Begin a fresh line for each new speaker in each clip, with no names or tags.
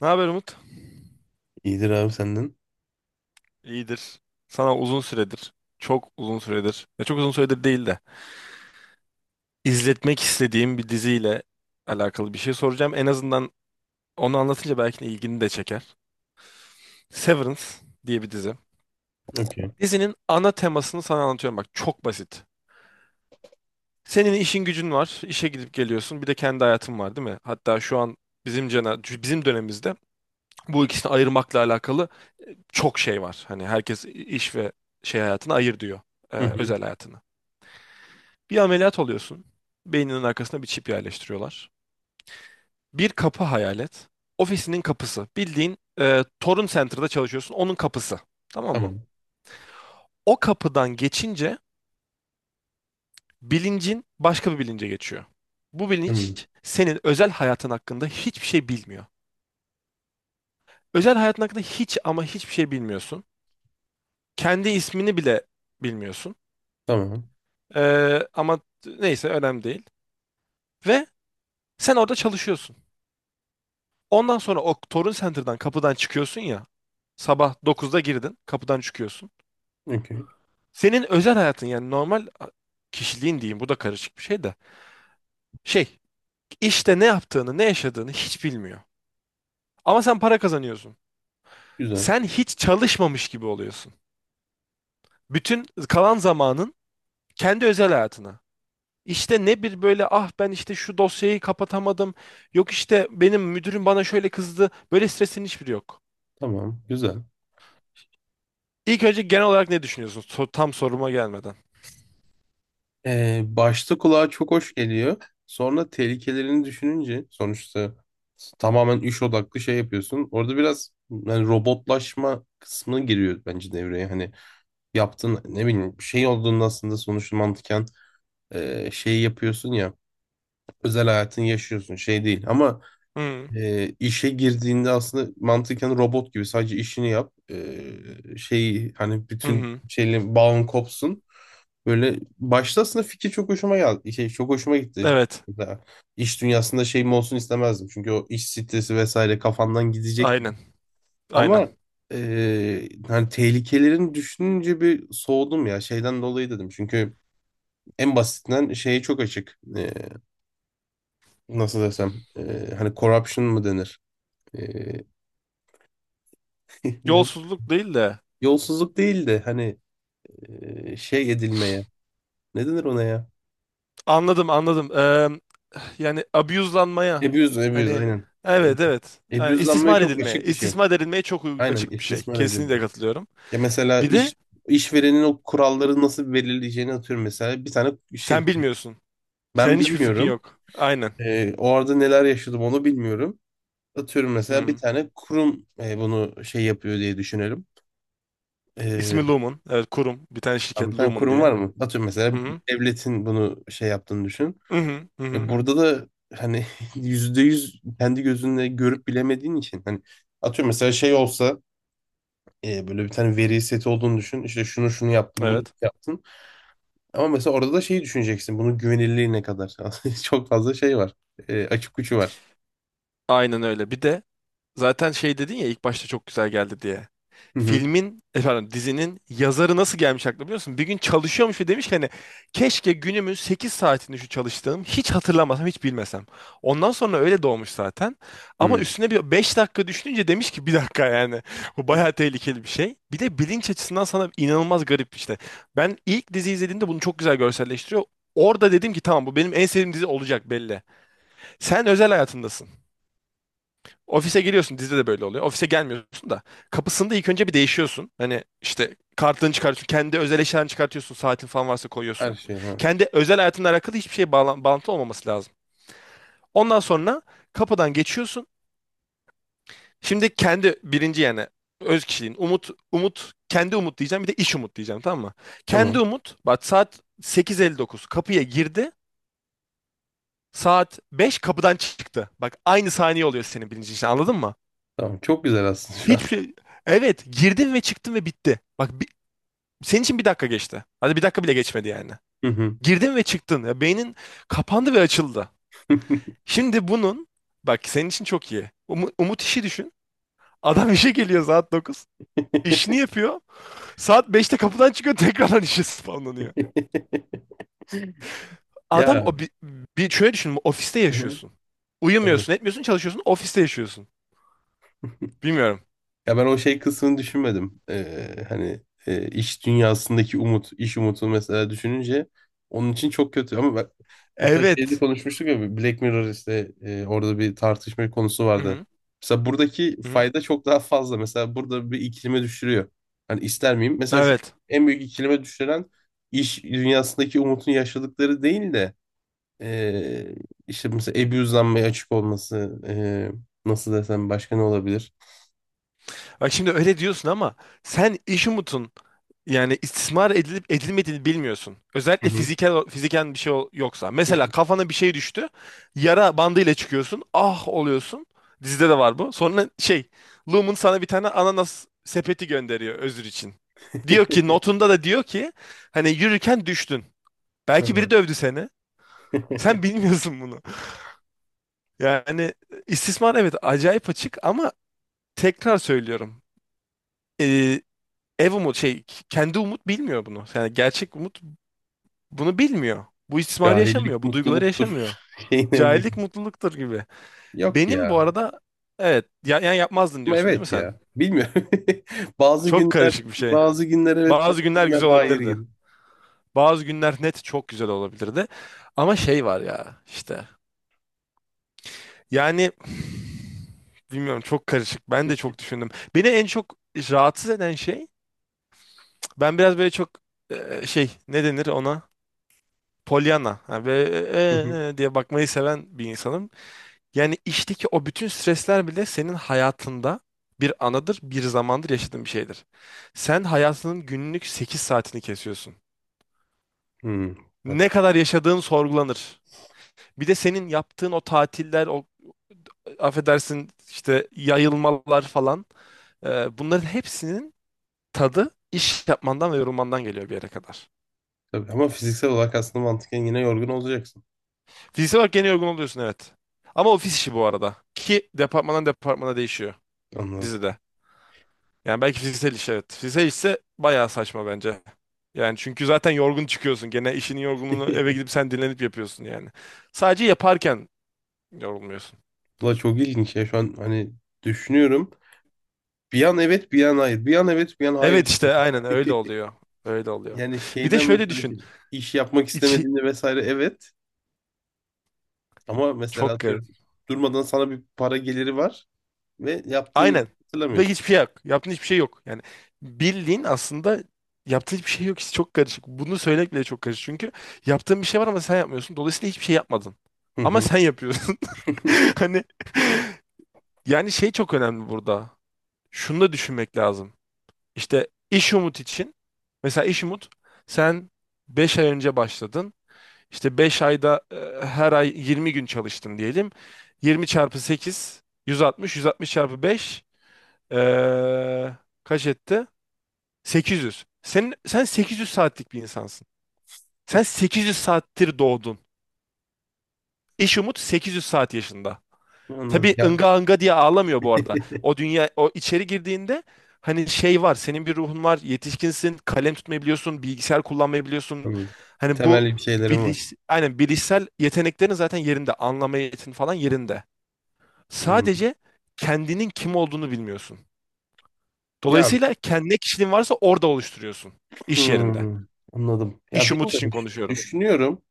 Ne haber Umut?
İyidir abi senden.
İyidir. Sana uzun süredir, çok uzun süredir, ya çok uzun süredir değil de izletmek istediğim bir diziyle alakalı bir şey soracağım. En azından onu anlatınca belki de ilgini de çeker. Severance diye bir dizi.
Okey.
Dizinin ana temasını sana anlatıyorum, bak çok basit. Senin işin gücün var, işe gidip geliyorsun. Bir de kendi hayatın var, değil mi? Hatta şu an bizim dönemimizde bu ikisini ayırmakla alakalı çok şey var. Hani herkes iş ve şey hayatını ayır diyor,
Hı hı.
özel hayatını. Bir ameliyat oluyorsun. Beyninin arkasına bir çip yerleştiriyorlar. Bir kapı hayal et. Ofisinin kapısı. Bildiğin, Torun Center'da çalışıyorsun. Onun kapısı. Tamam mı?
Tamam.
O kapıdan geçince bilincin başka bir bilince geçiyor. Bu
Hı.
bilinç senin özel hayatın hakkında hiçbir şey bilmiyor. Özel hayatın hakkında hiç ama hiçbir şey bilmiyorsun. Kendi ismini bile bilmiyorsun.
Tamam.
E, ama neyse önemli değil. Ve sen orada çalışıyorsun. Ondan sonra o Torun Center'dan kapıdan çıkıyorsun ya. Sabah dokuzda girdin, kapıdan çıkıyorsun.
Okey.
Senin özel hayatın, yani normal kişiliğin diyeyim, bu da karışık bir şey de. Şey, işte ne yaptığını, ne yaşadığını hiç bilmiyor. Ama sen para kazanıyorsun.
Güzel.
Sen hiç çalışmamış gibi oluyorsun. Bütün kalan zamanın kendi özel hayatına. İşte ne bir böyle ah ben işte şu dosyayı kapatamadım. Yok işte benim müdürüm bana şöyle kızdı. Böyle stresin hiçbiri yok.
Tamam. Güzel.
İlk önce genel olarak ne düşünüyorsun? Tam soruma gelmeden.
Başta kulağa çok hoş geliyor. Sonra tehlikelerini düşününce sonuçta tamamen iş odaklı şey yapıyorsun. Orada biraz yani robotlaşma kısmı giriyor bence devreye. Hani yaptığın ne bileyim bir şey olduğunda aslında sonuçta mantıken şey yapıyorsun ya, özel hayatını yaşıyorsun şey değil ama
Hı
İşe girdiğinde aslında mantıken robot gibi sadece işini yap. Şey hani
hı.
bütün
Hı.
şeyle bağın kopsun. Böyle başta aslında fikir çok hoşuma geldi. Şey, çok hoşuma gitti.
Evet.
Mesela iş dünyasında şeyim olsun istemezdim. Çünkü o iş stresi vesaire kafandan gidecek gibi.
Aynen. Aynen.
Ama hani tehlikelerini düşününce bir soğudum ya şeyden dolayı dedim. Çünkü en basitinden şeye çok açık. Nasıl desem hani corruption mı denir? E, ne?
Yolsuzluk değil de.
Yolsuzluk değil de hani şey edilmeye. Ne denir ona ya?
Anladım, anladım. Yani abuse'lanmaya,
Abuse, abuse
hani,
aynen.
evet, evet,
E,
yani
Abuse'lanmaya
istismar
çok
edilmeye,
açık bir şey.
istismar edilmeye çok
Aynen
açık bir şey.
istismar
Kesinlikle
edilmeye.
katılıyorum.
Ya mesela
Bir de
işverenin o kuralları nasıl belirleyeceğini atıyorum mesela. Bir tane
sen
şey,
bilmiyorsun.
ben
Senin hiçbir fikrin
bilmiyorum.
yok. Aynen.
O arada neler yaşadım onu bilmiyorum. Atıyorum
Hı
mesela bir
hı.
tane kurum bunu şey yapıyor diye düşünelim. E,
İsmi Lumen. Evet, kurum. Bir tane
tamam,
şirket,
bir tane
Lumen
kurum
diye.
var mı? Atıyorum
Hı
mesela
hı.
devletin bunu şey yaptığını düşün.
Hı hı. Hı
E
hı.
burada da hani %100 kendi gözünle görüp bilemediğin için hani atıyorum mesela şey olsa böyle bir tane veri seti olduğunu düşün. İşte şunu şunu yaptım, bunu
Evet.
yaptım. Ama mesela orada da şeyi düşüneceksin. Bunun güvenilirliği ne kadar? Çok fazla şey var. Açık uçu var.
Aynen öyle. Bir de zaten şey dedin ya, ilk başta çok güzel geldi diye.
Hı hı.
Filmin, efendim dizinin yazarı nasıl gelmiş aklına biliyor musun? Bir gün çalışıyormuş ve demiş ki hani keşke günümün 8 saatini şu çalıştığım hiç hatırlamasam, hiç bilmesem. Ondan sonra öyle doğmuş zaten. Ama
Hı.
üstüne bir 5 dakika düşününce demiş ki bir dakika, yani bu bayağı tehlikeli bir şey. Bir de bilinç açısından sana inanılmaz garip işte. Ben ilk dizi izlediğimde bunu çok güzel görselleştiriyor. Orada dedim ki, tamam, bu benim en sevdiğim dizi olacak belli. Sen özel hayatındasın. Ofise geliyorsun, dizide de böyle oluyor. Ofise gelmiyorsun da kapısında ilk önce bir değişiyorsun. Hani işte kartını çıkartıyorsun. Kendi özel eşyalarını çıkartıyorsun. Saatin falan varsa
Her
koyuyorsun.
şey ha.
Kendi özel hayatınla alakalı hiçbir şey bağlantı olmaması lazım. Ondan sonra kapıdan geçiyorsun. Şimdi kendi birinci, yani öz kişiliğin. Umut, Umut, kendi Umut diyeceğim, bir de iş Umut diyeceğim, tamam mı? Kendi
Tamam.
Umut, bak saat sekiz elli dokuz kapıya girdi. Saat 5 kapıdan çıktı. Bak aynı saniye oluyor senin birinci işin, anladın mı?
Tamam. Çok güzel aslında şu an.
Hiçbir şey... Evet, girdin ve çıktın ve bitti. Bak senin için bir dakika geçti. Hadi bir dakika bile geçmedi, yani.
Hı hı.
Girdin ve çıktın. Ya, beynin kapandı ve açıldı. Şimdi bunun, bak senin için çok iyi. Umut işi düşün. Adam işe geliyor saat 9. İşini yapıyor. Saat beşte kapıdan çıkıyor tekrardan işe spamlanıyor. Adam
Ya.
o bir şöyle düşün. Ofiste
Hı hı.
yaşıyorsun.
Tamam.
Uyumuyorsun, etmiyorsun, çalışıyorsun. Ofiste yaşıyorsun. Bilmiyorum.
Ya ben o şey kısmını düşünmedim. Hani iş dünyasındaki umut, iş umutu mesela düşününce onun için çok kötü. Ama ben, mesela şeyde
Evet.
konuşmuştuk ya, Black Mirror işte orada bir tartışma konusu
Hı
vardı.
hı.
Mesela buradaki
Hı hı.
fayda çok daha fazla. Mesela burada bir ikilime düşürüyor. Hani ister miyim? Mesela şu
Evet.
en büyük ikilime düşüren iş dünyasındaki umutun yaşadıkları değil de e, işte mesela abuse'lanmaya açık olması, nasıl desem başka ne olabilir?
Bak şimdi öyle diyorsun ama sen iş umutun, yani istismar edilip edilmediğini bilmiyorsun.
Hı
Özellikle
hı. Yok,
fiziken bir şey yoksa.
yok.
Mesela kafana bir şey düştü. Yara bandıyla çıkıyorsun. Ah oluyorsun. Dizide de var bu. Sonra şey, Lumen sana bir tane ananas sepeti gönderiyor özür için. Diyor ki, notunda da diyor ki hani yürürken düştün. Belki biri
Evet.
dövdü seni. Sen bilmiyorsun bunu. Yani istismar, evet, acayip açık, ama tekrar söylüyorum. Ee, ev umut şey, kendi umut bilmiyor bunu. Yani gerçek umut bunu bilmiyor. Bu istismarı
Cahillik
yaşamıyor. Bu duyguları yaşamıyor.
mutluluktur. Şeyine ne.
Cahillik mutluluktur gibi.
Yok
Benim bu
ya.
arada evet ya, yani yapmazdın
Ama
diyorsun değil mi
evet
sen?
ya. Bilmiyorum. Bazı
Çok
günler,
karışık bir şey.
bazı günler evet,
Bazı
bazı
günler
günler
güzel
hayır
olabilirdi.
gibi.
Bazı günler net çok güzel olabilirdi. Ama şey var ya işte. Yani bilmiyorum, çok karışık. Ben de çok düşündüm. Beni en çok rahatsız eden şey, ben biraz böyle çok, şey, ne denir ona? Pollyanna. Yani böyle,
Hı hı.
e diye bakmayı seven bir insanım. Yani işteki o bütün stresler bile senin hayatında bir anıdır, bir zamandır, yaşadığın bir şeydir. Sen hayatının günlük 8 saatini kesiyorsun.
Hmm. Bak,
Ne kadar yaşadığın sorgulanır. Bir de senin yaptığın o tatiller, o affedersin işte yayılmalar falan, bunların hepsinin tadı iş yapmandan ve yorulmandan geliyor bir yere kadar.
tabii. Ama fiziksel olarak aslında mantıken yine yorgun olacaksın.
Fiziksel olarak gene yorgun oluyorsun, evet. Ama ofis işi bu arada. Ki departmandan departmana değişiyor
Anladım.
dizide. Yani belki fiziksel iş, evet. Fiziksel işse bayağı saçma bence. Yani çünkü zaten yorgun çıkıyorsun. Gene işinin yorgunluğunu eve gidip sen dinlenip yapıyorsun, yani. Sadece yaparken yorulmuyorsun.
Valla çok ilginç ya şu an hani düşünüyorum. Bir an evet, bir an hayır. Bir an evet, bir an
Evet
hayır, diyorum.
işte aynen öyle oluyor. Öyle oluyor.
Yani
Bir de
şeyden
şöyle
mesela
düşün.
şey, iş yapmak
İçi
istemediğinde vesaire evet. Ama mesela
çok garip.
atıyorum durmadan sana bir para geliri var ve yaptığını hiç
Aynen. Ve
hatırlamıyorsun.
hiçbir şey yok. Yaptığın hiçbir şey yok. Yani bildiğin aslında yaptığın hiçbir şey yok. İşte çok karışık. Bunu söylemek bile çok karışık. Çünkü yaptığın bir şey var ama sen yapmıyorsun. Dolayısıyla hiçbir şey yapmadın.
Hı
Ama
hı.
sen yapıyorsun. Hani, yani şey çok önemli burada. Şunu da düşünmek lazım. İşte iş umut için, mesela iş umut, sen 5 ay önce başladın. İşte 5 ayda, her ay 20 gün çalıştın diyelim. 20 çarpı sekiz, yüz altmış. Yüz altmış çarpı 5, e, kaç etti? 800. Senin, sen 800 saatlik bir insansın. Sen 800 saattir doğdun. İş umut 800 saat yaşında.
Anladım.
Tabii
Ya.
ınga ınga diye ağlamıyor bu arada. O dünya o içeri girdiğinde hani şey var. Senin bir ruhun var. Yetişkinsin. Kalem tutmayı biliyorsun. Bilgisayar kullanmayı biliyorsun.
Anladım.
Hani bu
Temelli bir şeylerim var.
aynen, bilişsel yeteneklerin zaten yerinde. Anlama yetin falan yerinde.
Hmm.
Sadece kendinin kim olduğunu bilmiyorsun.
Ya
Dolayısıyla kendi ne kişiliğin varsa orada oluşturuyorsun. İş yerinde.
hmm, anladım. Ya
İş umut için
bilmiyorum.
konuşuyorum.
Düşünüyorum.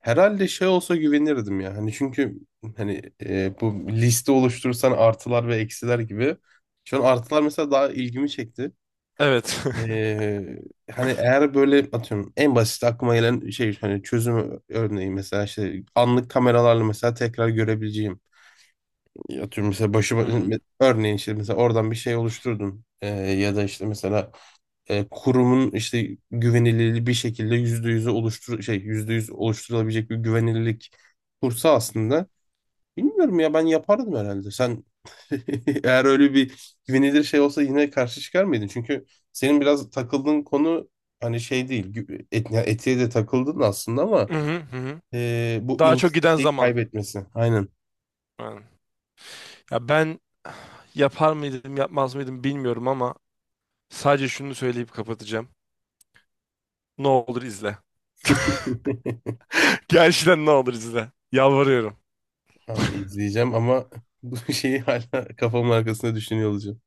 Herhalde şey olsa güvenirdim ya. Hani çünkü hani bu liste oluşturursan artılar ve eksiler gibi. Şu an artılar mesela daha ilgimi çekti.
Evet.
E, Hani eğer böyle atıyorum en basit aklıma gelen şey, hani çözüm örneği mesela işte anlık kameralarla mesela tekrar görebileceğim. Ya atıyorum mesela başıma
Hı hı.
örneğin işte mesela oradan bir şey oluşturdum. Ya da işte mesela kurumun işte güvenilirliği bir şekilde %100'e oluştur şey %100 oluşturulabilecek bir güvenilirlik kursa aslında, bilmiyorum ya, ben yapardım herhalde. Sen eğer öyle bir güvenilir şey olsa yine karşı çıkar mıydın, çünkü senin biraz takıldığın konu hani şey değil, ya etiğe de takıldın aslında, ama
Hı hı, hı hı.
bu
Daha çok giden
insiyi
zaman.
kaybetmesi aynen.
Ya ben yapar mıydım, yapmaz mıydım bilmiyorum ama sadece şunu söyleyip kapatacağım. Ne olur izle. Gerçekten ne olur izle. Yalvarıyorum.
Tamam, izleyeceğim ama bu şeyi hala kafamın arkasında düşünüyor olacağım.